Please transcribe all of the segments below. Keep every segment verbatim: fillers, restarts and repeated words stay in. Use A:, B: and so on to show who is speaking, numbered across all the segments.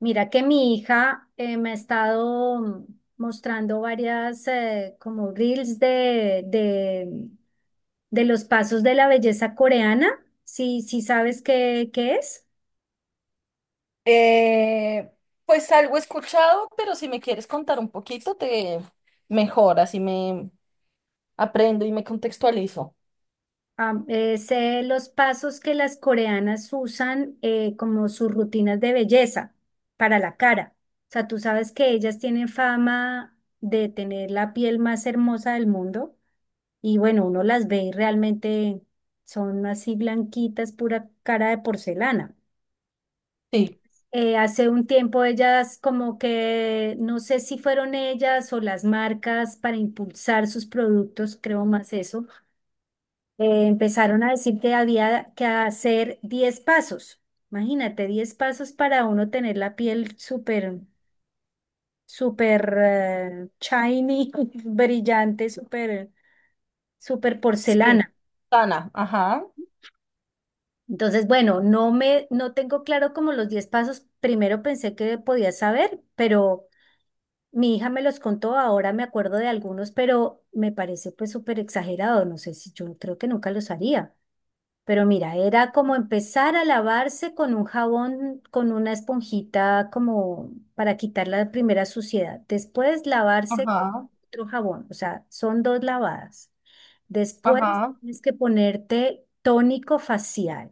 A: Mira que mi hija eh, me ha estado mm, mostrando varias eh, como reels de, de, de los pasos de la belleza coreana. Si, si sabes qué, qué es.
B: Eh, pues algo he escuchado, pero si me quieres contar un poquito, te mejor, así me aprendo y me contextualizo.
A: Am, es eh, los pasos que las coreanas usan eh, como sus rutinas de belleza para la cara. O sea, tú sabes que ellas tienen fama de tener la piel más hermosa del mundo. Y bueno, uno las ve y realmente son así blanquitas, pura cara de porcelana.
B: Sí,
A: Eh, hace un tiempo ellas como que, no sé si fueron ellas o las marcas para impulsar sus productos, creo más eso, eh, empezaron a decir que había que hacer diez pasos. Imagínate, diez pasos para uno tener la piel súper, súper eh, shiny, brillante, súper, súper
B: sí.
A: porcelana.
B: Sana, ajá,
A: Entonces, bueno, no me, no tengo claro como los diez pasos. Primero pensé que podía saber, pero mi hija me los contó, ahora me acuerdo de algunos, pero me parece pues súper exagerado. No sé, si yo creo que nunca los haría. Pero mira, era como empezar a lavarse con un jabón, con una esponjita como para quitar la primera suciedad. Después lavarse con
B: ajá,
A: otro jabón, o sea, son dos lavadas. Después
B: ajá,
A: tienes que ponerte tónico facial.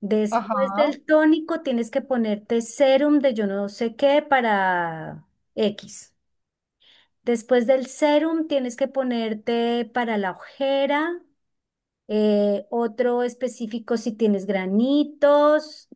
A: Después
B: ajá,
A: del tónico tienes que ponerte serum de yo no sé qué para X. Después del serum tienes que ponerte para la ojera, eh, otro específico si tienes granitos,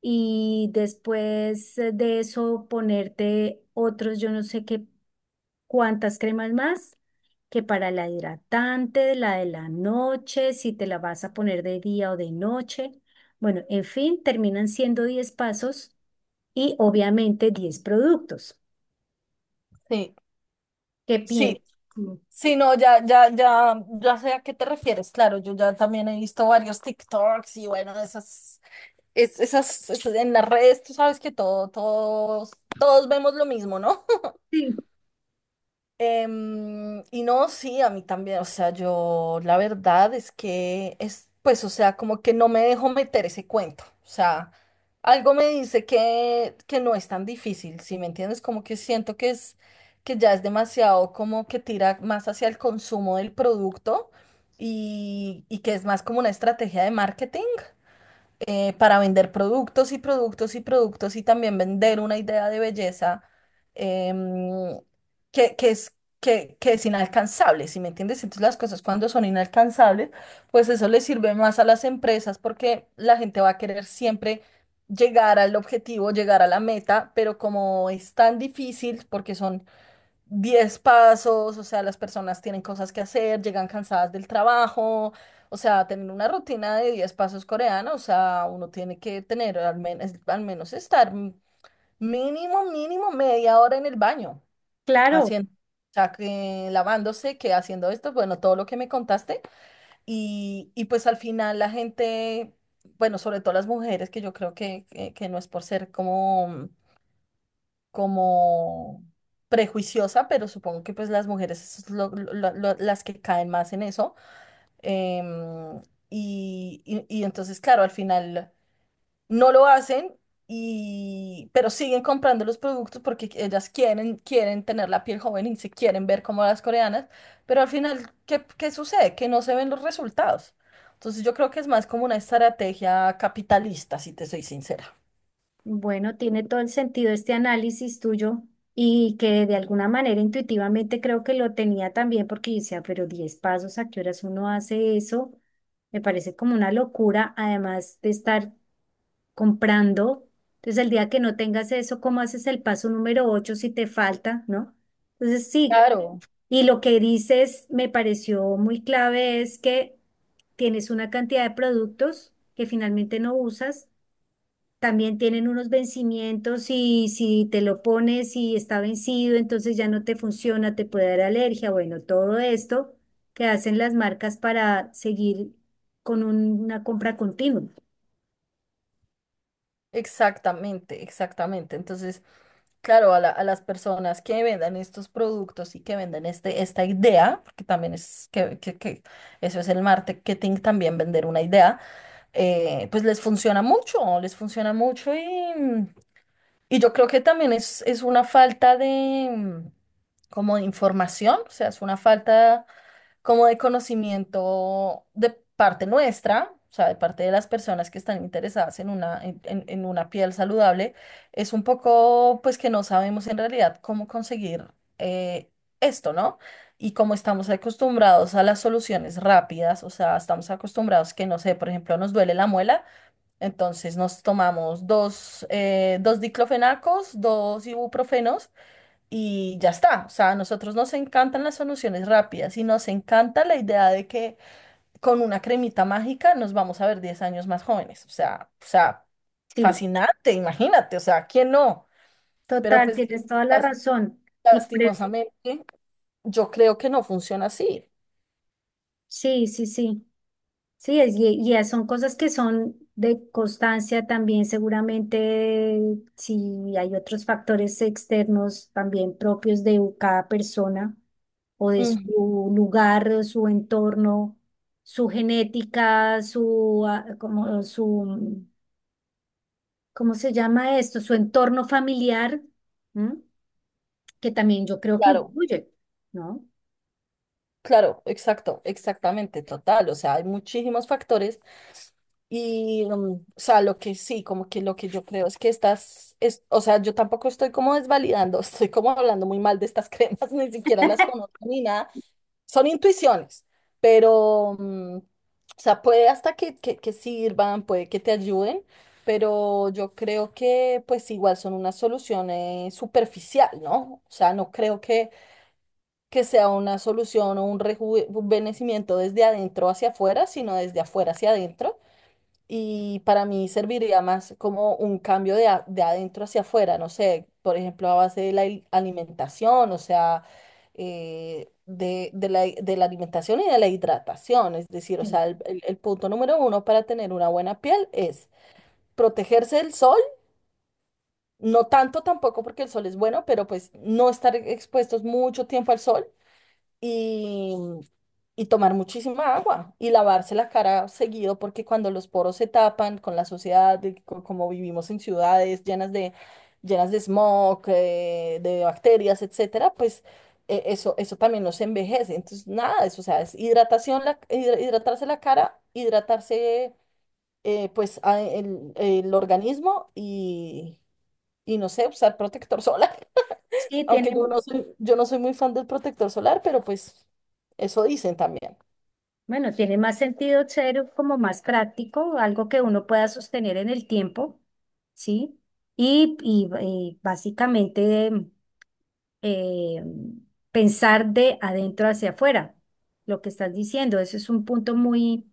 A: y después de eso ponerte otros yo no sé qué. ¿Cuántas cremas más? Que para la hidratante, la de la noche, si te la vas a poner de día o de noche. Bueno, en fin, terminan siendo diez pasos y obviamente diez productos.
B: sí,
A: ¿Qué piensas?
B: sí.
A: Sí.
B: Sí, no, ya, ya, ya, ya sé a qué te refieres, claro. Yo ya también he visto varios TikToks y bueno, esas, es- esas, esas- en las redes, tú sabes que todo, todos, todos vemos lo mismo, ¿no?
A: Sí,
B: Em, y no, sí, a mí también, o sea, yo la verdad es que es, pues, o sea, como que no me dejo meter ese cuento. O sea, algo me dice que, que no es tan difícil, ¿si me entiendes? Como que siento que es, que ya es demasiado, como que tira más hacia el consumo del producto, y, y que es más como una estrategia de marketing, eh, para vender productos y productos y productos, y también vender una idea de belleza, em, que, que es, que, que es inalcanzable, ¿si me entiendes? Entonces las cosas, cuando son inalcanzables, pues eso le sirve más a las empresas, porque la gente va a querer siempre llegar al objetivo, llegar a la meta, pero como es tan difícil porque son diez pasos, o sea, las personas tienen cosas que hacer, llegan cansadas del trabajo. O sea, tener una rutina de diez pasos coreana, o sea, uno tiene que tener al menos, al menos estar m- mínimo, mínimo media hora en el baño,
A: claro.
B: haciendo, o sea, que lavándose, que haciendo esto, bueno, todo lo que me contaste. Y, y pues al final la gente. Bueno, sobre todo las mujeres, que yo creo que, que que no es por ser como, como prejuiciosa, pero supongo que pues las mujeres es lo- lo- lo- las que caen más en eso. em, y, y- y entonces, claro, al final no lo hacen. Y, pero siguen comprando los productos porque ellas quieren, quieren tener la piel joven y se quieren ver como las coreanas, pero al final, ¿qué, qué sucede? Que no se ven los resultados. Entonces yo creo que es más como una estrategia capitalista, si te soy sincera.
A: Bueno, tiene todo el sentido este análisis tuyo y que de alguna manera intuitivamente creo que lo tenía también, porque yo decía, pero diez pasos, ¿a qué horas uno hace eso? Me parece como una locura, además de estar comprando. Entonces, el día que no tengas eso, ¿cómo haces el paso número ocho si te falta?, ¿no? Entonces, sí,
B: Claro,
A: y lo que dices me pareció muy clave es que tienes una cantidad de productos que finalmente no usas. También tienen unos vencimientos y si te lo pones y está vencido, entonces ya no te funciona, te puede dar alergia. Bueno, todo esto que hacen las marcas para seguir con un- una compra continua.
B: exactamente, exactamente. Entonces, claro, a la- a las personas que vendan estos productos y que vendan este, esta idea, porque también es que, que- que eso es el marketing, también vender una idea. Eh, pues les funciona mucho, les funciona mucho, y, y yo creo que también es, es una falta de, mm, como de información. O sea, es una falta como de conocimiento de parte nuestra, o sea, de parte de las personas que están interesadas en una, en, en- en una piel saludable. Es un poco, pues, que no sabemos en realidad cómo conseguir, eh, esto, ¿no? Y como estamos acostumbrados a las soluciones rápidas, o sea, estamos acostumbrados que, no sé, por ejemplo, nos duele la muela, entonces nos tomamos dos, eh, dos diclofenacos, dos ibuprofenos, y ya está. O sea, a nosotros nos encantan las soluciones rápidas, y nos encanta la idea de que con una cremita mágica nos vamos a ver diez años más jóvenes. O sea, o sea,
A: Sí.
B: fascinante, imagínate, o sea, ¿quién no? Pero
A: Total,
B: pues sí,
A: tienes toda la
B: las-
A: razón. Y por
B: lastimosamente yo creo que no funciona así.
A: sí, sí, sí. Sí, es, y, y son cosas que son de constancia también, seguramente, si hay otros factores externos también propios de cada persona o de
B: Mm,
A: su lugar, o su entorno, su genética, su, ah, como, su, ¿cómo se llama esto? Su entorno familiar, ¿m? Que también yo creo que
B: claro.
A: influye, ¿no?
B: Claro, exacto, exactamente, total. O sea, hay muchísimos factores, y, mm, o sea, lo que sí, como que lo que yo creo es que estas, es, o sea, yo tampoco estoy como desvalidando, estoy como hablando muy mal de estas cremas, ni siquiera las conozco ni nada. Son intuiciones, pero, mm, o sea, puede hasta que, que, que sirvan, puede que te ayuden, pero yo creo que pues igual son una solución, eh, superficial, ¿no? O sea, no creo que que sea una solución o un rejuvenecimiento desde adentro hacia afuera, sino desde afuera hacia adentro. Y para mí serviría más como un cambio de, a- de adentro hacia afuera. No sé, por ejemplo, a base de la il- alimentación. O sea, eh, de, de la, de la alimentación y de la hidratación. Es decir, o
A: Sí.
B: sea, el, el- el punto número uno para tener una buena piel es protegerse del sol, no tanto tampoco porque el sol es bueno, pero pues no estar expuestos mucho tiempo al sol, y, y tomar muchísima agua y lavarse la cara seguido, porque cuando los poros se tapan con la sociedad, de co- como vivimos en ciudades llenas de, llenas de, smog, eh, de bacterias, etcétera, pues, eh, eso, eso también nos envejece. Entonces, nada, eso, o sea, es hidratación, la, hidra- hidratarse la cara, hidratarse, eh, pues a- el, el organismo, y, y no sé, usar protector solar.
A: Sí,
B: Aunque yo
A: tiene,
B: no soy, yo no soy muy fan del protector solar, pero pues eso dicen también.
A: bueno, tiene más sentido ser como más práctico, algo que uno pueda sostener en el tiempo, ¿sí? Y, y, eh, básicamente eh, pensar de adentro hacia afuera, lo que estás diciendo. Eso es un punto muy,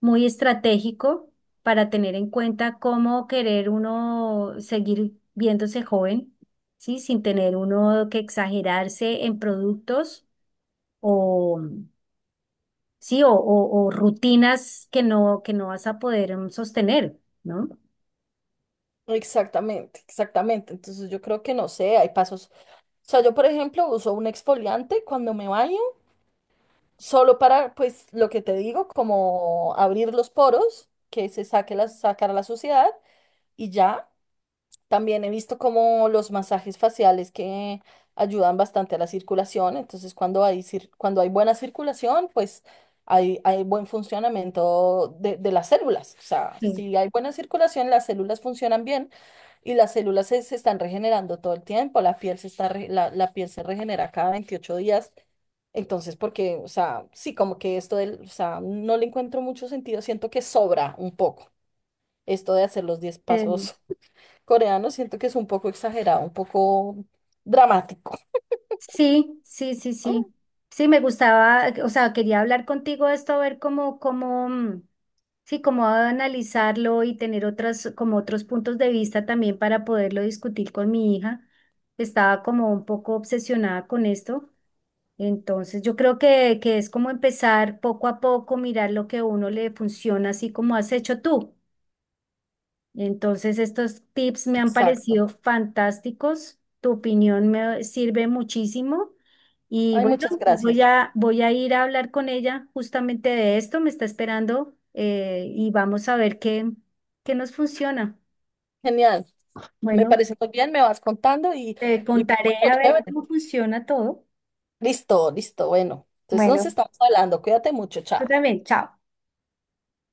A: muy estratégico para tener en cuenta cómo querer uno seguir viéndose joven, ¿sí? Sin tener uno que exagerarse en productos, o sí, o, o- o rutinas que no, que no vas a poder em, sostener, ¿no?
B: Exactamente, exactamente. Entonces yo creo que no sé, hay pasos. O sea, yo por ejemplo uso un exfoliante cuando me baño, solo para, pues, lo que te digo, como abrir los poros, que se saque la, sacar la suciedad, y ya. También he visto como los masajes faciales que ayudan bastante a la circulación. Entonces cuando hay, cir- cuando hay buena circulación, pues hay, hay buen funcionamiento de, de las células. O sea,
A: Sí.
B: si hay buena circulación, las células funcionan bien y las células se, se están regenerando todo el tiempo, la piel se está re- la, la piel se regenera cada veintiocho días. Entonces, porque, o sea, sí, como que esto del, o sea, no le encuentro mucho sentido, siento que sobra un poco esto de hacer los diez
A: Eh,
B: pasos coreano, siento que es un poco exagerado, un poco dramático.
A: sí, sí, sí,
B: Mm.
A: sí. Sí, me gustaba, o sea, quería hablar contigo de esto, a ver cómo, cómo, mm, sí, cómo analizarlo y tener otras, como otros puntos de vista también, para poderlo discutir con mi hija, que estaba como un poco obsesionada con esto. Entonces, yo creo que, que es como empezar poco a poco, mirar lo que a uno le funciona, así como has hecho tú. Entonces, estos tips me han
B: Exacto.
A: parecido fantásticos. Tu opinión me sirve muchísimo. Y
B: Ay,
A: bueno,
B: muchas
A: voy
B: gracias.
A: a, voy a ir a hablar con ella justamente de esto. Me está esperando, eh, y vamos a ver qué, qué nos funciona.
B: Genial. Me
A: Bueno,
B: parece muy bien, me vas contando, y,
A: te
B: y
A: contaré
B: bueno,
A: a ver
B: chévere.
A: cómo funciona todo.
B: Listo, listo, bueno. Entonces nos
A: Bueno,
B: estamos hablando. Cuídate mucho, chao.
A: tú también, chao.